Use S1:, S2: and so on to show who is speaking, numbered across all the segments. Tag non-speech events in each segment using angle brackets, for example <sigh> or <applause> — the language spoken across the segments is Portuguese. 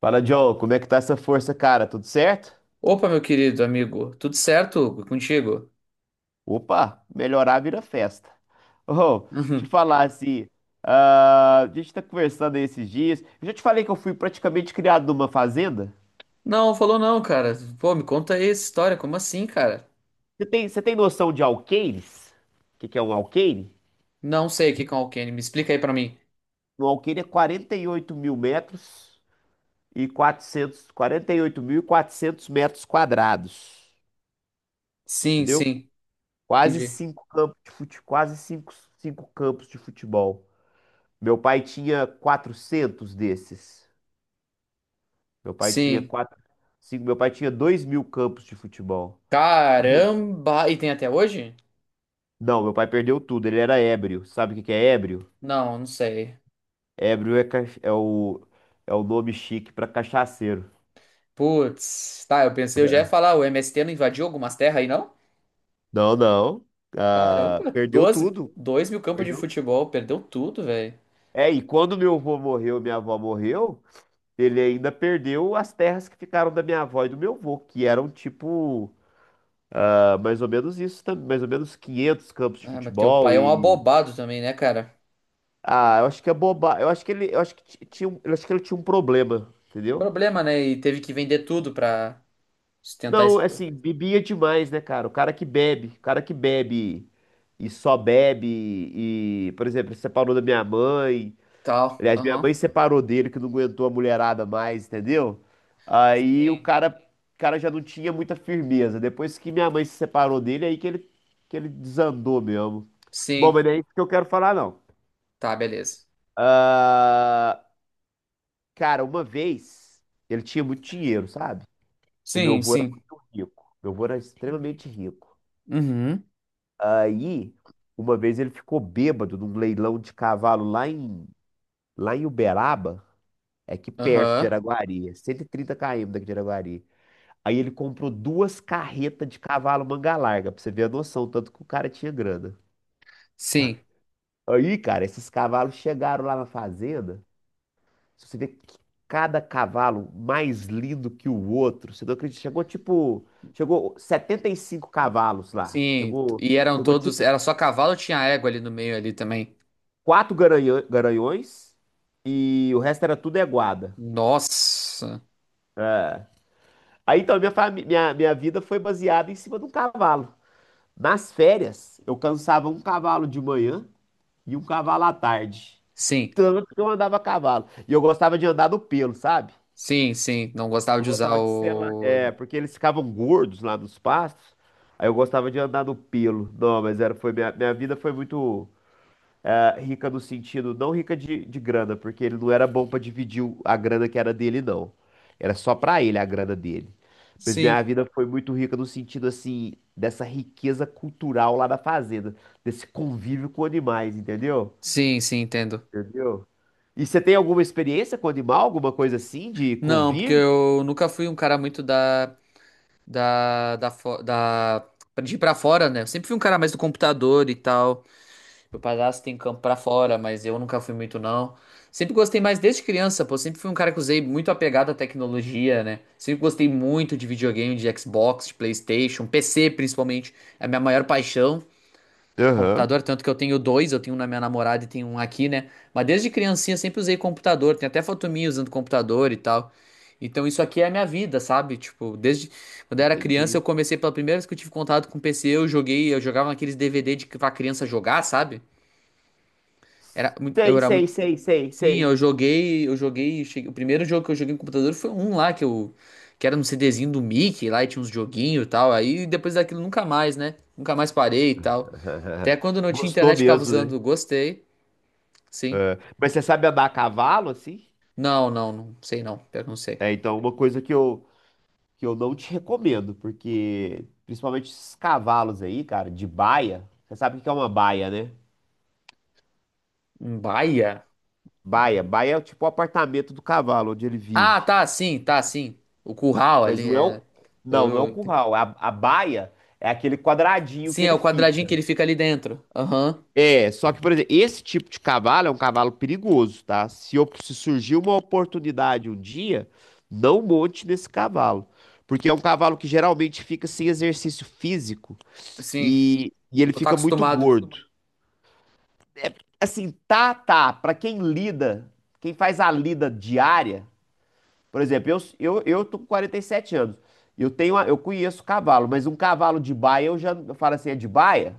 S1: Fala, John, como é que tá essa força, cara? Tudo certo?
S2: Opa, meu querido amigo, tudo certo contigo? <laughs>
S1: Opa, melhorar vira festa. Ô, te
S2: Uhum.
S1: falar assim, ah, a gente tá conversando aí esses dias. Eu já te falei que eu fui praticamente criado numa fazenda.
S2: Não, falou não, cara. Pô, me conta aí essa história, como assim, cara?
S1: Você tem noção de alqueires? O que que é um alqueire?
S2: Não sei o que com Alkane, me explica aí pra mim.
S1: Um alqueire é 48.000 metros e 400, quatrocentos metros quadrados,
S2: Sim,
S1: entendeu?
S2: sim,
S1: Quase
S2: entendi.
S1: cinco campos de fute, quase cinco, cinco campos de futebol. Meu pai tinha 400 desses. Meu pai tinha
S2: Sim.
S1: quatro, meu pai tinha 2.000 campos de futebol.
S2: Caramba! E tem até hoje?
S1: Não, meu pai perdeu tudo, ele era ébrio. Sabe o que que é ébrio?
S2: Não, não sei.
S1: Ébrio é o nome chique para cachaceiro.
S2: Putz, tá, eu pensei, eu já ia falar, o MST não invadiu algumas terras aí, não?
S1: Não, não. Ah,
S2: Caramba,
S1: perdeu
S2: 12,
S1: tudo.
S2: 2.000 campos de
S1: Perdeu.
S2: futebol, perdeu tudo, velho.
S1: É, e quando meu avô morreu, minha avó morreu, ele ainda perdeu as terras que ficaram da minha avó e do meu avô, que eram tipo, ah, mais ou menos 500 campos de
S2: Ah, mas teu
S1: futebol
S2: pai é um
S1: e.
S2: abobado também, né, cara?
S1: Ah, eu acho que é boba. Eu acho que ti- tinha, eu acho que ele tinha um problema, entendeu?
S2: Problema, né? E teve que vender tudo pra. Se tentar
S1: Não, é assim, bebia demais, né, cara? O cara que bebe e só bebe e, por exemplo, ele separou da minha mãe.
S2: tal,
S1: Aliás, minha
S2: aham.
S1: mãe separou dele que não aguentou a mulherada mais, entendeu? Aí o
S2: Sim.
S1: cara, o cara já não tinha muita firmeza. Depois que minha mãe se separou dele, é aí que ele desandou mesmo. Bom,
S2: Sim.
S1: mas não é isso que eu quero falar, não.
S2: Tá, beleza.
S1: Ah, cara, uma vez ele tinha muito dinheiro, sabe? E meu
S2: Sim,
S1: avô era
S2: sim.
S1: muito rico. Meu avô era extremamente rico.
S2: Uhum.
S1: Aí, uma vez ele ficou bêbado num leilão de cavalo lá em Uberaba, é aqui perto de
S2: Aham.
S1: Araguari, é 130 km daqui de Araguari. Aí ele comprou duas carretas de cavalo manga larga, pra você ver a noção, tanto que o cara tinha grana.
S2: Sim.
S1: Aí, cara, esses cavalos chegaram lá na fazenda. Se você vê que cada cavalo mais lindo que o outro, você não acredita. Chegou 75 cavalos lá.
S2: Sim.
S1: Chegou,
S2: E eram
S1: chegou
S2: todos.
S1: tipo
S2: Era só cavalo ou tinha égua ali no meio ali também?
S1: quatro garanhões e o resto era tudo aguada.
S2: Nossa.
S1: Aí então minha vida foi baseada em cima de um cavalo. Nas férias, eu cansava um cavalo de manhã e um cavalo à tarde.
S2: Sim.
S1: Tanto que eu andava a cavalo. E eu gostava de andar no pelo, sabe?
S2: Sim, sim. Não gostava
S1: Eu
S2: de usar
S1: gostava de selar.
S2: o.
S1: É, porque eles ficavam gordos lá nos pastos. Aí eu gostava de andar no pelo. Não, mas minha vida foi muito rica no sentido, não rica de grana, porque ele não era bom pra dividir a grana que era dele, não. Era só pra ele a grana dele. Mas minha
S2: Sim.
S1: vida foi muito rica no sentido, assim, dessa riqueza cultural lá da fazenda, desse convívio com animais, entendeu?
S2: Sim, sim, entendo.
S1: Entendeu? E você tem alguma experiência com animal, alguma coisa assim, de
S2: Não, porque
S1: convívio?
S2: eu nunca fui um cara muito da. Da. Da. fo- da... De ir pra fora, né? Eu sempre fui um cara mais do computador e tal. Meu padrasto tem campo pra fora, mas eu nunca fui muito, não. Sempre gostei mais desde criança, pô. Sempre fui um cara que usei muito apegado à tecnologia, né? Sempre gostei muito de videogame, de Xbox, de PlayStation, PC principalmente. É a minha maior paixão.
S1: Aham.
S2: Computador, tanto que eu tenho dois, eu tenho um na minha namorada e tenho um aqui, né? Mas desde criancinha sempre usei computador. Tem até foto minha usando computador e tal. Então isso aqui é a minha vida, sabe? Tipo, desde quando eu era criança, eu
S1: Entendi.
S2: comecei pela primeira vez que eu tive contato com PC, eu joguei, eu jogava naqueles DVD de que pra criança jogar, sabe? Era, eu
S1: Sei,
S2: era
S1: sei,
S2: muito.
S1: sei, sei,
S2: Sim,
S1: sei.
S2: eu joguei, o primeiro jogo que eu joguei no computador foi um lá que era no CDzinho do Mickey, lá e tinha uns joguinhos e tal. Aí depois daquilo nunca mais, né? Nunca mais parei e tal. Até
S1: <laughs>
S2: quando não tinha
S1: Gostou
S2: internet ficava
S1: mesmo, né?
S2: usando, gostei. Sim.
S1: É. Mas você sabe andar a cavalo, assim?
S2: Não, não, não sei não, pior que não sei.
S1: É, então, uma coisa que eu não te recomendo, porque principalmente esses cavalos aí, cara, de baia. Você sabe o que é uma baia, né?
S2: Um Baia?
S1: Baia. Baia é tipo o apartamento do cavalo onde ele
S2: Ah,
S1: vive.
S2: tá, sim, tá, sim. O curral
S1: Mas
S2: ali
S1: não é
S2: é
S1: o, não, não é o
S2: eu-
S1: curral. A baia é aquele quadradinho
S2: Sim,
S1: que
S2: é
S1: ele
S2: o quadradinho que
S1: fica.
S2: ele fica ali dentro. Aham.
S1: É, só que, por exemplo, esse tipo de cavalo é um cavalo perigoso, tá? Se surgir uma oportunidade um dia, não monte nesse cavalo. Porque é um cavalo que geralmente fica sem exercício físico
S2: Sim.
S1: e ele
S2: Não tá
S1: fica muito
S2: acostumado.
S1: gordo. Assim, tá, tá. Pra quem lida, quem faz a lida diária, por exemplo, eu tô com 47 anos. Eu conheço cavalo, mas um cavalo de baia, eu falo assim, é de baia?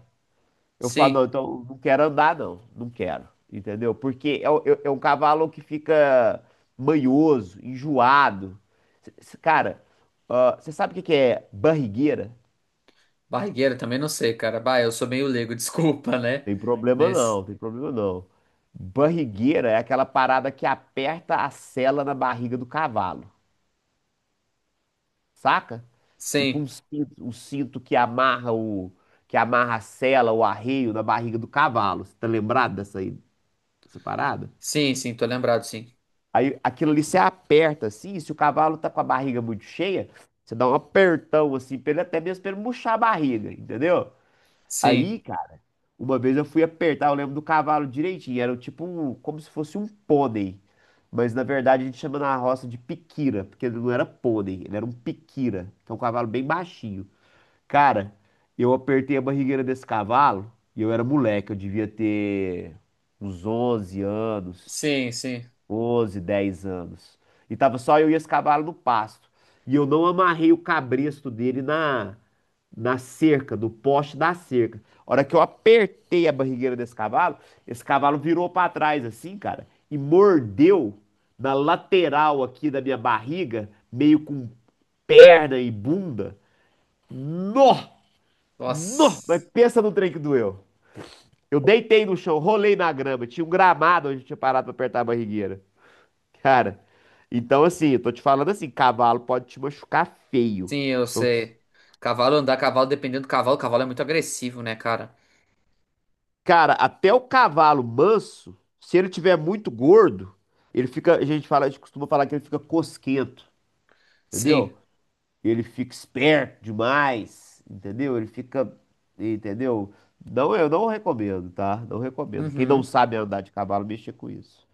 S1: Eu falo,
S2: Sim.
S1: não, então não quero andar, não. Não quero. Entendeu? Porque é um cavalo que fica manhoso, enjoado. Cara, você sabe o que que é barrigueira?
S2: Barrigueira também não sei, cara. Bah, eu sou meio leigo, <laughs> desculpa, né?
S1: Tem problema
S2: Nesse...
S1: não, tem problema não. Barrigueira é aquela parada que aperta a sela na barriga do cavalo, saca? Tipo
S2: Sim,
S1: um cinto que amarra a sela, o arreio na barriga do cavalo. Você tá lembrado dessa aí, dessa parada?
S2: sim, sim, tô lembrado, sim.
S1: Aí aquilo ali você aperta assim, se o cavalo tá com a barriga muito cheia, você dá um apertão assim, pra ele, até mesmo pra ele murchar a barriga, entendeu?
S2: Sim,
S1: Aí, cara, uma vez eu fui apertar, eu lembro do cavalo direitinho, era tipo um, como se fosse um pônei. Mas na verdade a gente chama na roça de piquira, porque ele não era pônei, ele era um piquira, que é um cavalo bem baixinho. Cara, eu apertei a barrigueira desse cavalo e eu era moleque, eu devia ter uns 11 anos.
S2: sim, sim.
S1: 11, 10 anos. E tava só eu e esse cavalo no pasto. E eu não amarrei o cabresto dele na cerca, no poste da cerca. A hora que eu apertei a barrigueira desse cavalo, esse cavalo virou pra trás assim, cara, e mordeu na lateral aqui da minha barriga, meio com perna e bunda. Nó! Nó! Mas
S2: Nossa,
S1: pensa no trem que doeu. Eu deitei no chão, rolei na grama, tinha um gramado onde eu tinha parado pra apertar a barrigueira. Cara, então assim, eu tô te falando assim, cavalo pode te machucar feio.
S2: sim, eu
S1: Então,
S2: sei. Cavalo andar, cavalo, dependendo do cavalo, cavalo é muito agressivo, né, cara?
S1: cara, até o cavalo manso, se ele tiver muito gordo, ele fica, a gente costuma falar que ele fica cosquento,
S2: Sim,
S1: entendeu? Ele fica esperto demais, entendeu? Ele fica, entendeu? Não, eu não recomendo, tá? Não recomendo. Quem não
S2: uhum.
S1: sabe andar de cavalo, mexa com isso.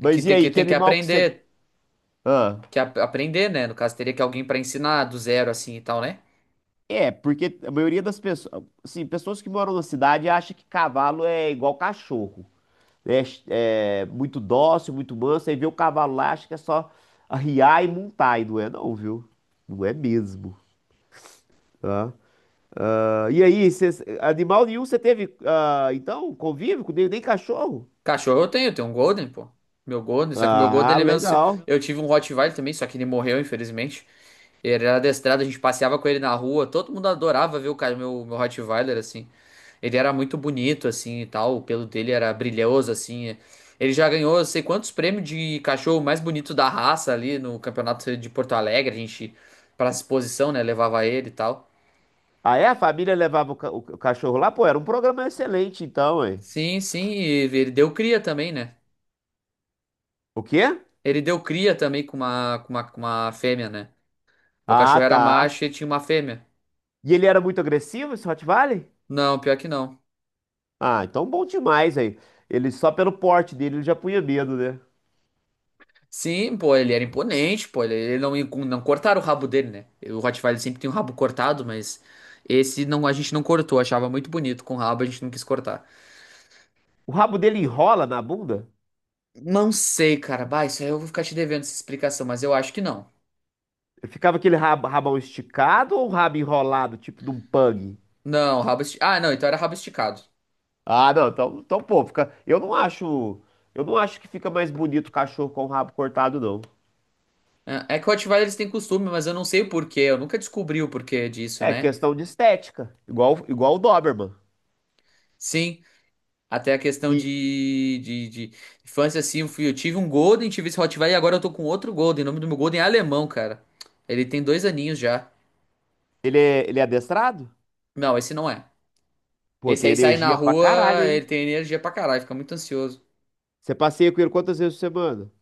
S2: É que
S1: e
S2: tem
S1: aí,
S2: que,
S1: que
S2: tem que
S1: animal que você...
S2: aprender,
S1: Ah.
S2: aprender, né? No caso, teria que alguém pra ensinar do zero, assim, e tal, né?
S1: É, porque a maioria das pessoas, assim, pessoas que moram na cidade acha que cavalo é igual cachorro. É, é muito dócil, muito manso, aí vê o cavalo lá, acha que é só arriar e montar, e não é não, viu? Não é mesmo, tá? Ah, e aí, animal nenhum você teve, então, convívio com nem cachorro?
S2: Cachorro eu tenho, um Golden, pô. Meu Golden, só que meu Golden,
S1: Ah,
S2: ele é meio ansioso.
S1: legal.
S2: Eu tive um Rottweiler também, só que ele morreu, infelizmente. Ele era adestrado, a gente passeava com ele na rua, todo mundo adorava ver o cara, meu Rottweiler, assim. Ele era muito bonito, assim, e tal, o pelo dele era brilhoso, assim. Ele já ganhou, eu sei quantos prêmios de cachorro mais bonito da raça ali no campeonato de Porto Alegre, a gente, pra exposição, né, levava ele e tal.
S1: Ah, é? A família levava o cachorro lá? Pô, era um programa excelente, então, hein?
S2: Sim, sim, e ele deu cria também, né?
S1: O quê?
S2: Ele deu cria também com uma fêmea, né? Meu
S1: Ah,
S2: cachorro era
S1: tá.
S2: macho e tinha uma fêmea.
S1: E ele era muito agressivo, esse Rottweiler?
S2: Não, pior que não.
S1: Ah, então bom demais aí. Ele só pelo porte dele ele já punha medo, né?
S2: Sim, pô, ele era imponente, pô, ele não, não cortaram o rabo dele, né? O Rottweiler sempre tem um rabo cortado, mas esse não, a gente não cortou, achava muito bonito com o rabo, a gente não quis cortar.
S1: O rabo dele enrola na bunda?
S2: Não sei, cara, bah, isso aí eu vou ficar te devendo essa explicação, mas eu acho que não.
S1: Ficava aquele rabo, rabão esticado ou um rabo enrolado, tipo de um pug?
S2: Não, rabo esticado. Ah, não, então era rabo esticado.
S1: Ah, não, então pô, fica. Eu não acho. Eu não acho que fica mais bonito o cachorro com o rabo cortado, não.
S2: É que o Rottweiler eles têm costume, mas eu não sei o porquê, eu nunca descobri o porquê disso,
S1: É
S2: né?
S1: questão de estética. Igual o Doberman.
S2: Sim. Até a questão
S1: E
S2: de infância, assim, eu tive um Golden, tive esse Rottweiler e agora eu tô com outro Golden. O nome do meu Golden é alemão, cara. Ele tem dois aninhos já.
S1: ele é adestrado?
S2: Não, esse não é.
S1: Pô,
S2: Esse
S1: tem
S2: aí sai na
S1: energia pra caralho,
S2: rua,
S1: hein?
S2: ele tem energia pra caralho, fica muito ansioso.
S1: Você passeia com ele quantas vezes por semana?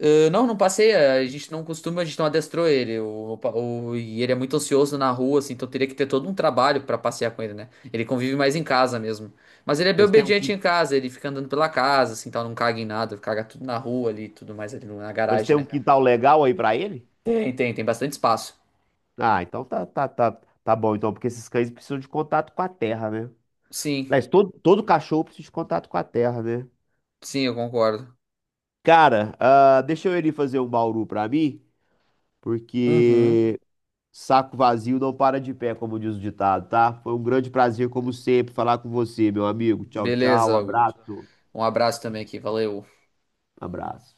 S2: Ah, não, não passei, ah, a gente não costuma, a gente não adestrou ele. E ele é muito ansioso na rua, assim, então teria que ter todo um trabalho pra passear com ele, né? Ele convive mais em casa mesmo. Mas ele é bem
S1: Mas tem um,
S2: obediente em
S1: quin-
S2: casa, ele fica andando pela casa, assim, tal, não caga em nada, caga tudo na rua ali, tudo mais ali na
S1: mas
S2: garagem,
S1: tem um
S2: né?
S1: quintal legal aí pra ele?
S2: Tem bastante espaço.
S1: Ah, então tá, tá, tá, tá bom, então, porque esses cães precisam de contato com a terra, né?
S2: Sim,
S1: Aliás, todo cachorro precisa de contato com a terra, né?
S2: sim, eu concordo.
S1: Cara, deixa eu ele fazer um bauru pra mim,
S2: Uhum.
S1: porque saco vazio não para de pé, como diz o ditado, tá? Foi um grande prazer, como sempre, falar com você, meu amigo. Tchau, tchau,
S2: Beleza, Augusto.
S1: abraço,
S2: Um abraço também aqui, valeu.
S1: abraço.